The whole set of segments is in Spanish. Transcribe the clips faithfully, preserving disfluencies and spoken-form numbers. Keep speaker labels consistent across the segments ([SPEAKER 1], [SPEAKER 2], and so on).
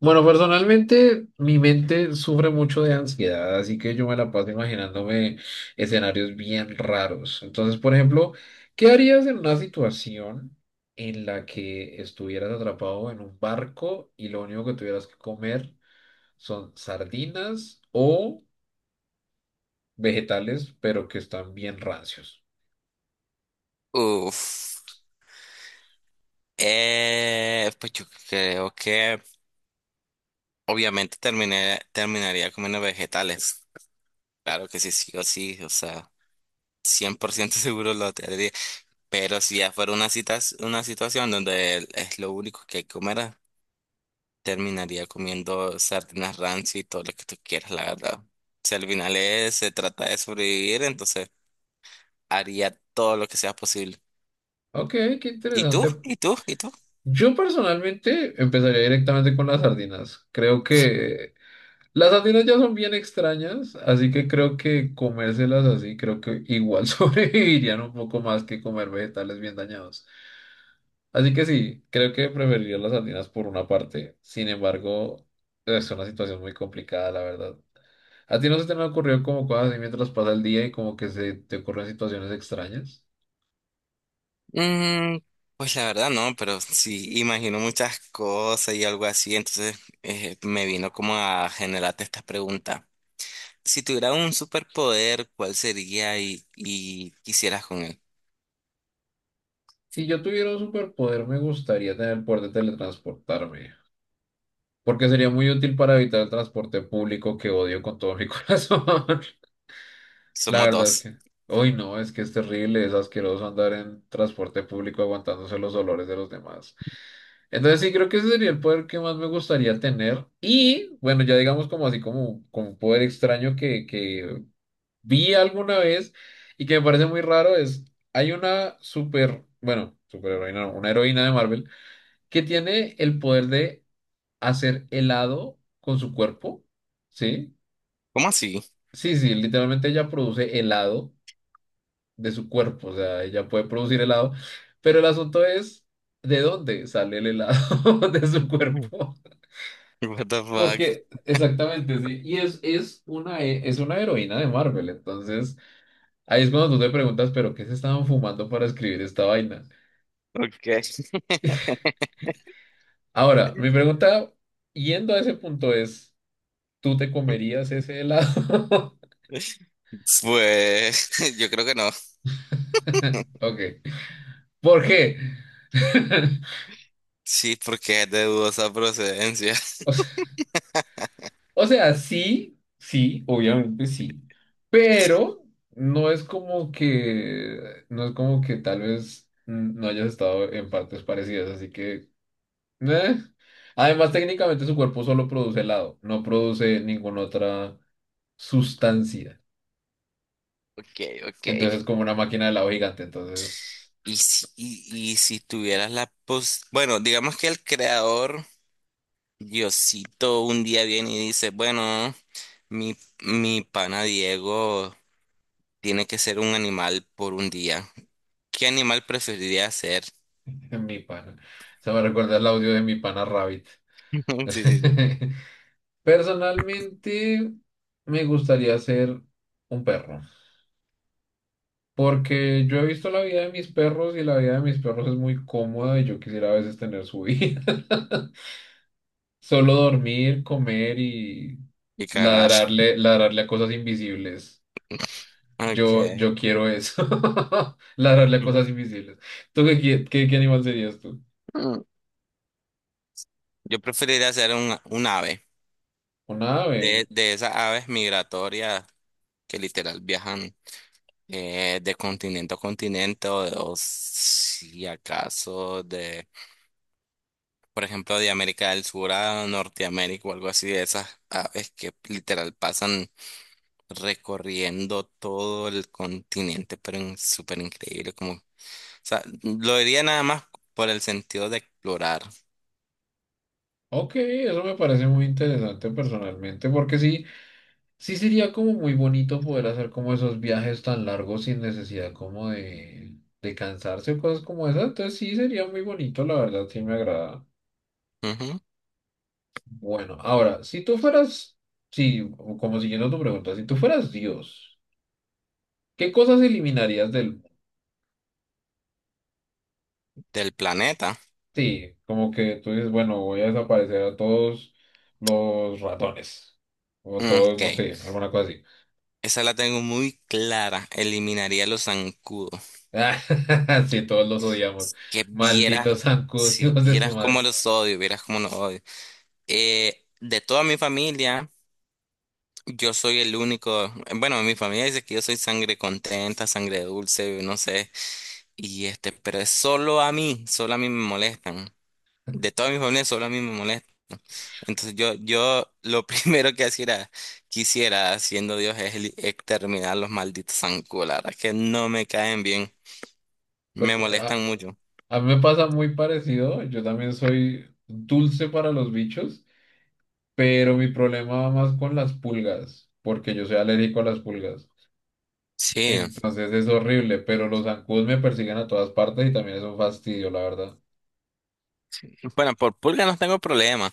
[SPEAKER 1] Bueno, personalmente mi mente sufre mucho de ansiedad, así que yo me la paso imaginándome escenarios bien raros. Entonces, por ejemplo, ¿qué harías en una situación en la que estuvieras atrapado en un barco y lo único que tuvieras que comer son sardinas o vegetales, pero que están bien rancios?
[SPEAKER 2] Uf. Eh, pues yo creo que obviamente terminé, terminaría comiendo vegetales. Claro que sí, sí o sí, o sea, cien por ciento seguro lo tendría. Pero si ya fuera una cita, una situación donde el- es lo único que hay que comer, ah, terminaría comiendo sardinas rancia y todo lo que tú quieras, la verdad. Si al final es- se trata de sobrevivir, entonces haría todo lo que sea posible.
[SPEAKER 1] Ok, qué
[SPEAKER 2] ¿Y tú?
[SPEAKER 1] interesante.
[SPEAKER 2] ¿Y tú? ¿Y tú?
[SPEAKER 1] Yo personalmente empezaría directamente con las sardinas. Creo que las sardinas ya son bien extrañas, así que creo que comérselas así, creo que igual sobrevivirían un poco más que comer vegetales bien dañados. Así que sí, creo que preferiría las sardinas por una parte. Sin embargo, es una situación muy complicada, la verdad. ¿A ti no se te han ocurrido como cosas así mientras pasa el día y como que se te ocurren situaciones extrañas?
[SPEAKER 2] Mm, pues la verdad no, pero sí imagino muchas cosas y algo así, entonces eh, me vino como a generarte esta pregunta. Si tuviera un superpoder, ¿cuál sería y, y quisieras con él?
[SPEAKER 1] Si yo tuviera un superpoder, me gustaría tener el poder de teletransportarme, porque sería muy útil para evitar el transporte público que odio con todo mi corazón. La
[SPEAKER 2] Somos
[SPEAKER 1] verdad es
[SPEAKER 2] dos.
[SPEAKER 1] que, uy, no, es que es terrible, es asqueroso andar en transporte público aguantándose los dolores de los demás. Entonces sí, creo que ese sería el poder que más me gustaría tener. Y bueno, ya digamos como así como, como un poder extraño que, que vi alguna vez y que me parece muy raro es, hay una super, bueno, superheroína, no, una heroína de Marvel que tiene el poder de hacer helado con su cuerpo, ¿sí?
[SPEAKER 2] ¿Cómo así?
[SPEAKER 1] Sí, sí, literalmente ella produce helado de su cuerpo, o sea, ella puede producir helado, pero el asunto es de dónde sale el helado de su
[SPEAKER 2] Mm.
[SPEAKER 1] cuerpo.
[SPEAKER 2] What the fuck?
[SPEAKER 1] Porque, exactamente, sí, y es, es una, he- es una heroína de Marvel, entonces ahí es cuando tú te preguntas, pero ¿qué se estaban fumando para escribir esta vaina?
[SPEAKER 2] Okay.
[SPEAKER 1] Ahora, mi pregunta, yendo a ese punto es, ¿tú te comerías ese helado?
[SPEAKER 2] Pues yo creo que no.
[SPEAKER 1] Ok, ¿por qué?
[SPEAKER 2] Sí, porque es de dudosa procedencia.
[SPEAKER 1] O sea, o sea, sí, sí, obviamente sí, pero no es como que, no es como que tal vez mm, no hayas estado en partes parecidas, así que, eh. Además, técnicamente su cuerpo solo produce helado, no produce ninguna otra sustancia.
[SPEAKER 2] Okay, okay.
[SPEAKER 1] Entonces es como una máquina de helado gigante, entonces,
[SPEAKER 2] Y si, y, y si tuvieras la pos... Bueno, digamos que el creador Diosito un día viene y dice, bueno, mi, mi pana Diego tiene que ser un animal por un día. ¿Qué animal preferiría ser?
[SPEAKER 1] mi pana. Se me recuerda el audio de mi pana Rabbit.
[SPEAKER 2] Sí, sí, sí.
[SPEAKER 1] Personalmente, me gustaría ser un perro, porque yo he visto la vida de mis perros y la vida de mis perros es muy cómoda y yo quisiera a veces tener su vida. Solo dormir, comer y
[SPEAKER 2] Y cagar.
[SPEAKER 1] ladrarle, ladrarle a cosas invisibles. Yo,
[SPEAKER 2] Okay.
[SPEAKER 1] yo quiero eso. Ladrarle a cosas invisibles. ¿Tú qué, qui- qué, qué animal serías tú?
[SPEAKER 2] Mm. Yo preferiría ser un, un ave.
[SPEAKER 1] Un
[SPEAKER 2] De,
[SPEAKER 1] ave.
[SPEAKER 2] de esas aves migratorias que literal viajan eh, de continente a continente o, de- o si acaso de, por ejemplo, de América del Sur a Norteamérica o algo así, de esas aves que literal pasan, recorriendo todo el continente, pero en- súper increíble. Como, o sea, lo diría nada más por el sentido de explorar.
[SPEAKER 1] Ok, eso me parece muy interesante personalmente, porque sí. Sí sería como muy bonito poder hacer como esos viajes tan largos sin necesidad como de, de cansarse o cosas como esas. Entonces sí sería muy bonito, la verdad, sí me agrada.
[SPEAKER 2] Ujú,
[SPEAKER 1] Bueno, ahora, si tú fueras, sí, como siguiendo tu pregunta, si tú fueras Dios, ¿qué cosas eliminarías del mundo?
[SPEAKER 2] del planeta.
[SPEAKER 1] Sí, como que tú dices, bueno, voy a desaparecer a todos los ratones. O
[SPEAKER 2] Mm,
[SPEAKER 1] todos,
[SPEAKER 2] ok,
[SPEAKER 1] no sé, alguna cosa así.
[SPEAKER 2] esa la tengo muy clara. Eliminaría los zancudos.
[SPEAKER 1] Ah, sí, todos los odiamos.
[SPEAKER 2] Que vieras,
[SPEAKER 1] Malditos zancudos,
[SPEAKER 2] si
[SPEAKER 1] hijos de su
[SPEAKER 2] vieras cómo
[SPEAKER 1] madre.
[SPEAKER 2] los odio, vieras cómo los odio. Eh, de toda mi familia. Yo soy el único, bueno, mi familia dice que yo soy sangre contenta, sangre dulce, no sé, y este, pero es solo a mí, solo a mí me molestan. De toda mi familia solo a mí me molesta. Entonces yo, yo lo primero que hiciera, quisiera, siendo Dios, es el- exterminar los malditos zancudos. La verdad es que no me caen bien.
[SPEAKER 1] Pues,
[SPEAKER 2] Me
[SPEAKER 1] a-
[SPEAKER 2] molestan mucho.
[SPEAKER 1] a mí me pasa muy parecido, yo también soy dulce para los bichos, pero mi problema va más con las pulgas, porque yo soy alérgico a las pulgas.
[SPEAKER 2] Sí.
[SPEAKER 1] Entonces es horrible, pero los zancudos me persiguen a todas partes y también es un fastidio, la verdad.
[SPEAKER 2] Bueno, por pulga no tengo problema.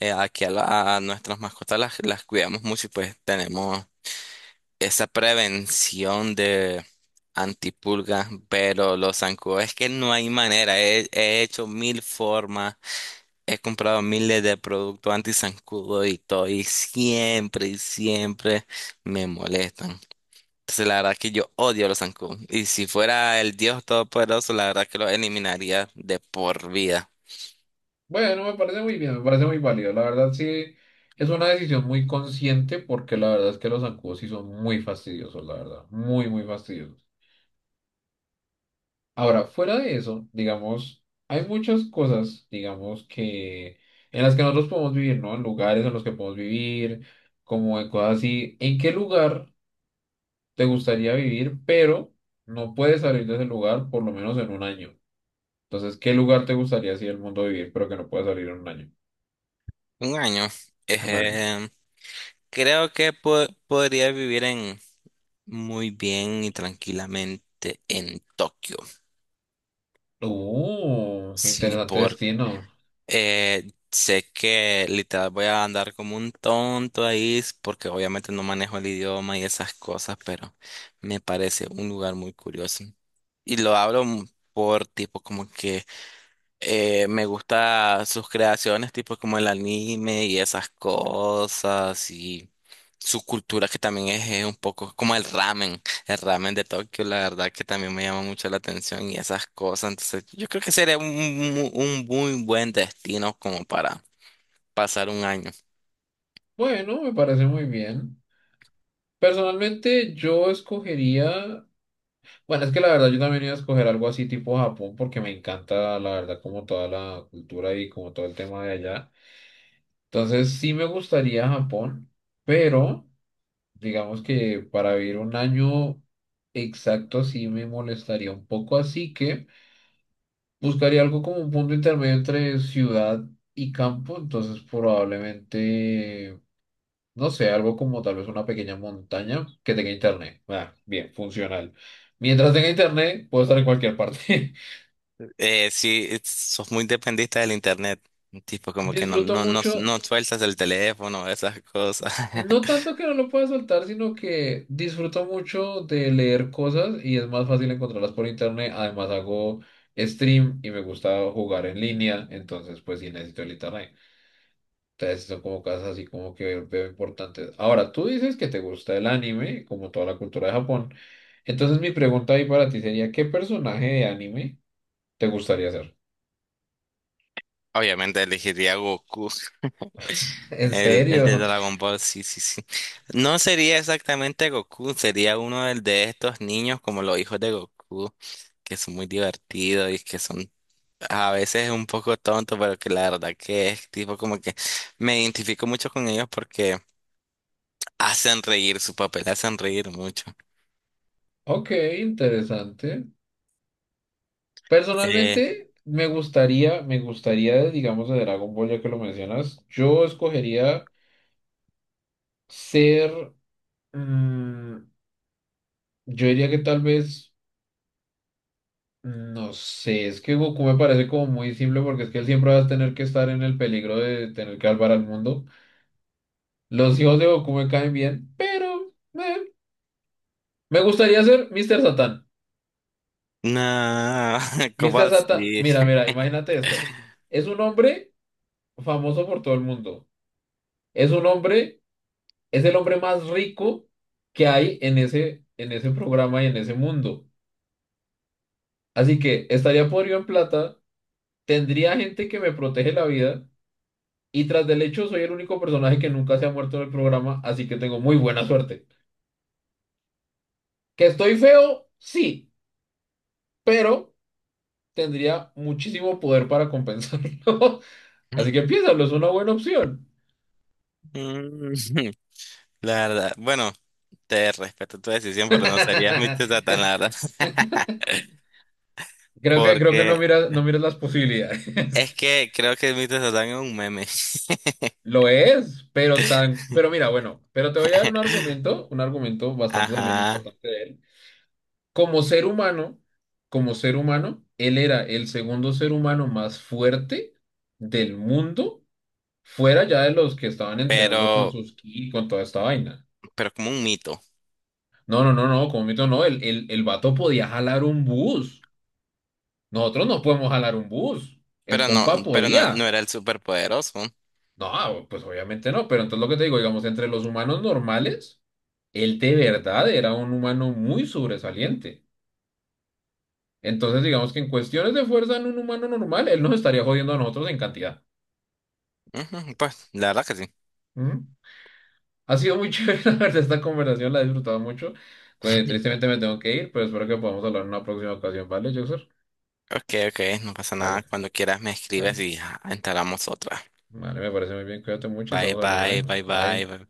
[SPEAKER 2] Eh, aquí a, la- a nuestras mascotas las, las cuidamos mucho y pues tenemos esa prevención de antipulga, pero los zancudos es que no hay manera. He, he hecho mil formas. He comprado miles de productos anti-zancudo y todo, y siempre y siempre me molestan. Entonces, la verdad que yo odio los zancudos. Y si fuera el Dios Todopoderoso, la verdad que los eliminaría de por vida.
[SPEAKER 1] Bueno, me parece muy bien, me parece muy válido. La verdad sí, es una decisión muy consciente porque la verdad es que los zancudos sí son muy fastidiosos, la verdad, muy, muy fastidiosos. Ahora, fuera de eso, digamos, hay muchas cosas, digamos, que en las que nosotros podemos vivir, ¿no? En lugares en los que podemos vivir, como en cosas así. ¿En qué lugar te gustaría vivir, pero no puedes salir de ese lugar por lo menos en un año? Entonces, ¿qué lugar te gustaría así el mundo vivir, pero que no puedes salir en un año?
[SPEAKER 2] Un año.
[SPEAKER 1] Un año.
[SPEAKER 2] Ejem, creo que po- podría vivir en muy bien y tranquilamente en Tokio.
[SPEAKER 1] Uh,
[SPEAKER 2] Sí,
[SPEAKER 1] interesante destino.
[SPEAKER 2] Eh, sé que literal voy a andar como un tonto ahí s- porque obviamente no manejo el idioma y esas cosas, pero me parece un lugar muy curioso. Y lo hablo m- por tipo como que eh, me gusta sus creaciones, tipo como el anime y esas cosas, y su cultura que también es, eh, un poco como el ramen, el ramen de Tokio, la verdad que también me llama mucho la atención y esas cosas. Entonces, yo creo que sería un, mu- un muy buen destino como para pasar un año.
[SPEAKER 1] Bueno, me parece muy bien. Personalmente, yo escogería, bueno, es que la verdad yo también iba a escoger algo así tipo Japón porque me encanta la verdad como toda la cultura y como todo el tema de allá. Entonces sí me gustaría Japón, pero digamos que para vivir un año exacto sí me molestaría un poco, así que buscaría algo como un punto intermedio entre ciudad y campo, entonces probablemente, no sé, algo como tal vez una pequeña montaña que tenga internet. Ah, bien, funcional. Mientras tenga internet, puedo estar en cualquier parte.
[SPEAKER 2] Eh, sí, es- sos muy dependista del internet, tipo como que no,
[SPEAKER 1] Disfruto
[SPEAKER 2] no, no,
[SPEAKER 1] mucho,
[SPEAKER 2] no sueltas el teléfono, esas cosas.
[SPEAKER 1] no tanto que no lo pueda soltar, sino que disfruto mucho de leer cosas y es más fácil encontrarlas por internet. Además hago stream y me gusta jugar en línea, entonces pues sí necesito el internet. Entonces son como cosas así como que veo importantes. Ahora, tú dices que te gusta el anime, como toda la cultura de Japón. Entonces mi pregunta ahí para ti sería, ¿qué personaje de anime te gustaría ser?
[SPEAKER 2] Obviamente elegiría Goku.
[SPEAKER 1] ¿En
[SPEAKER 2] El, el de
[SPEAKER 1] serio?
[SPEAKER 2] Dragon Ball, sí, sí, sí. No sería exactamente Goku, sería uno del de estos niños como los hijos de Goku, que son muy divertidos y que son a veces un poco tontos, pero que la verdad que es tipo como que me identifico mucho con ellos porque hacen reír, su papel hacen reír mucho.
[SPEAKER 1] Ok, interesante.
[SPEAKER 2] Eh,
[SPEAKER 1] Personalmente, me gustaría, me gustaría, de, digamos, de Dragon Ball, ya que lo mencionas, yo escogería ser, mm, yo diría que tal vez, no sé, es que Goku me parece como muy simple porque es que él siempre va a tener que estar en el peligro de tener que salvar al mundo. Los hijos de Goku me caen bien, pero eh, me gustaría ser míster Satan.
[SPEAKER 2] no, ¿cómo
[SPEAKER 1] míster Satan,
[SPEAKER 2] así?
[SPEAKER 1] mira, mira, imagínate esto. Es un hombre famoso por todo el mundo. Es un hombre, es el hombre más rico que hay en ese, en ese programa y en ese mundo. Así que estaría podrido en plata, tendría gente que me protege la vida y tras del hecho soy el único personaje que nunca se ha muerto en el programa, así que tengo muy buena suerte. ¿Que estoy feo? Sí, pero tendría muchísimo poder para compensarlo. Así que piénsalo, es una buena opción.
[SPEAKER 2] Mm, la verdad, bueno, te respeto tu decisión, pero no serías mi Satán, la verdad,
[SPEAKER 1] Creo que, creo que no
[SPEAKER 2] porque
[SPEAKER 1] miras, no miras las posibilidades.
[SPEAKER 2] es que creo que el mito de Satán es un meme.
[SPEAKER 1] Lo es, pero tan, pero mira, bueno, pero te voy a dar un argumento, un argumento bastante también
[SPEAKER 2] Ajá.
[SPEAKER 1] importante de él. Como ser humano, como ser humano, él era el segundo ser humano más fuerte del mundo, fuera ya de los que estaban entrenando con
[SPEAKER 2] Pero,
[SPEAKER 1] sus ki, con toda esta vaina.
[SPEAKER 2] pero como un mito.
[SPEAKER 1] No, no, no, no, como mito no, el, el, el vato podía jalar un bus. Nosotros no podemos jalar un bus. El
[SPEAKER 2] Pero no,
[SPEAKER 1] compa
[SPEAKER 2] pero no, no
[SPEAKER 1] podía.
[SPEAKER 2] era el superpoderoso.
[SPEAKER 1] No, pues obviamente no, pero entonces lo que te digo, digamos, entre los humanos normales, él de verdad era un humano muy sobresaliente. Entonces, digamos que en cuestiones de fuerza en un humano normal, él nos estaría jodiendo a nosotros en cantidad.
[SPEAKER 2] Ujú, pues, la verdad que sí.
[SPEAKER 1] ¿Mm? Ha sido muy chévere, la verdad, esta conversación, la he disfrutado mucho. Pues, tristemente me tengo que ir, pero espero que podamos hablar en una próxima ocasión, ¿vale, Joxer?
[SPEAKER 2] Ok, ok, no pasa
[SPEAKER 1] Vale,
[SPEAKER 2] nada. Cuando quieras me escribes
[SPEAKER 1] vale.
[SPEAKER 2] y ah, entablamos otra.
[SPEAKER 1] Vale, me parece muy bien, cuídate mucho y
[SPEAKER 2] Bye,
[SPEAKER 1] estamos hablando, ¿eh?
[SPEAKER 2] bye, bye, bye,
[SPEAKER 1] Bye.
[SPEAKER 2] bye.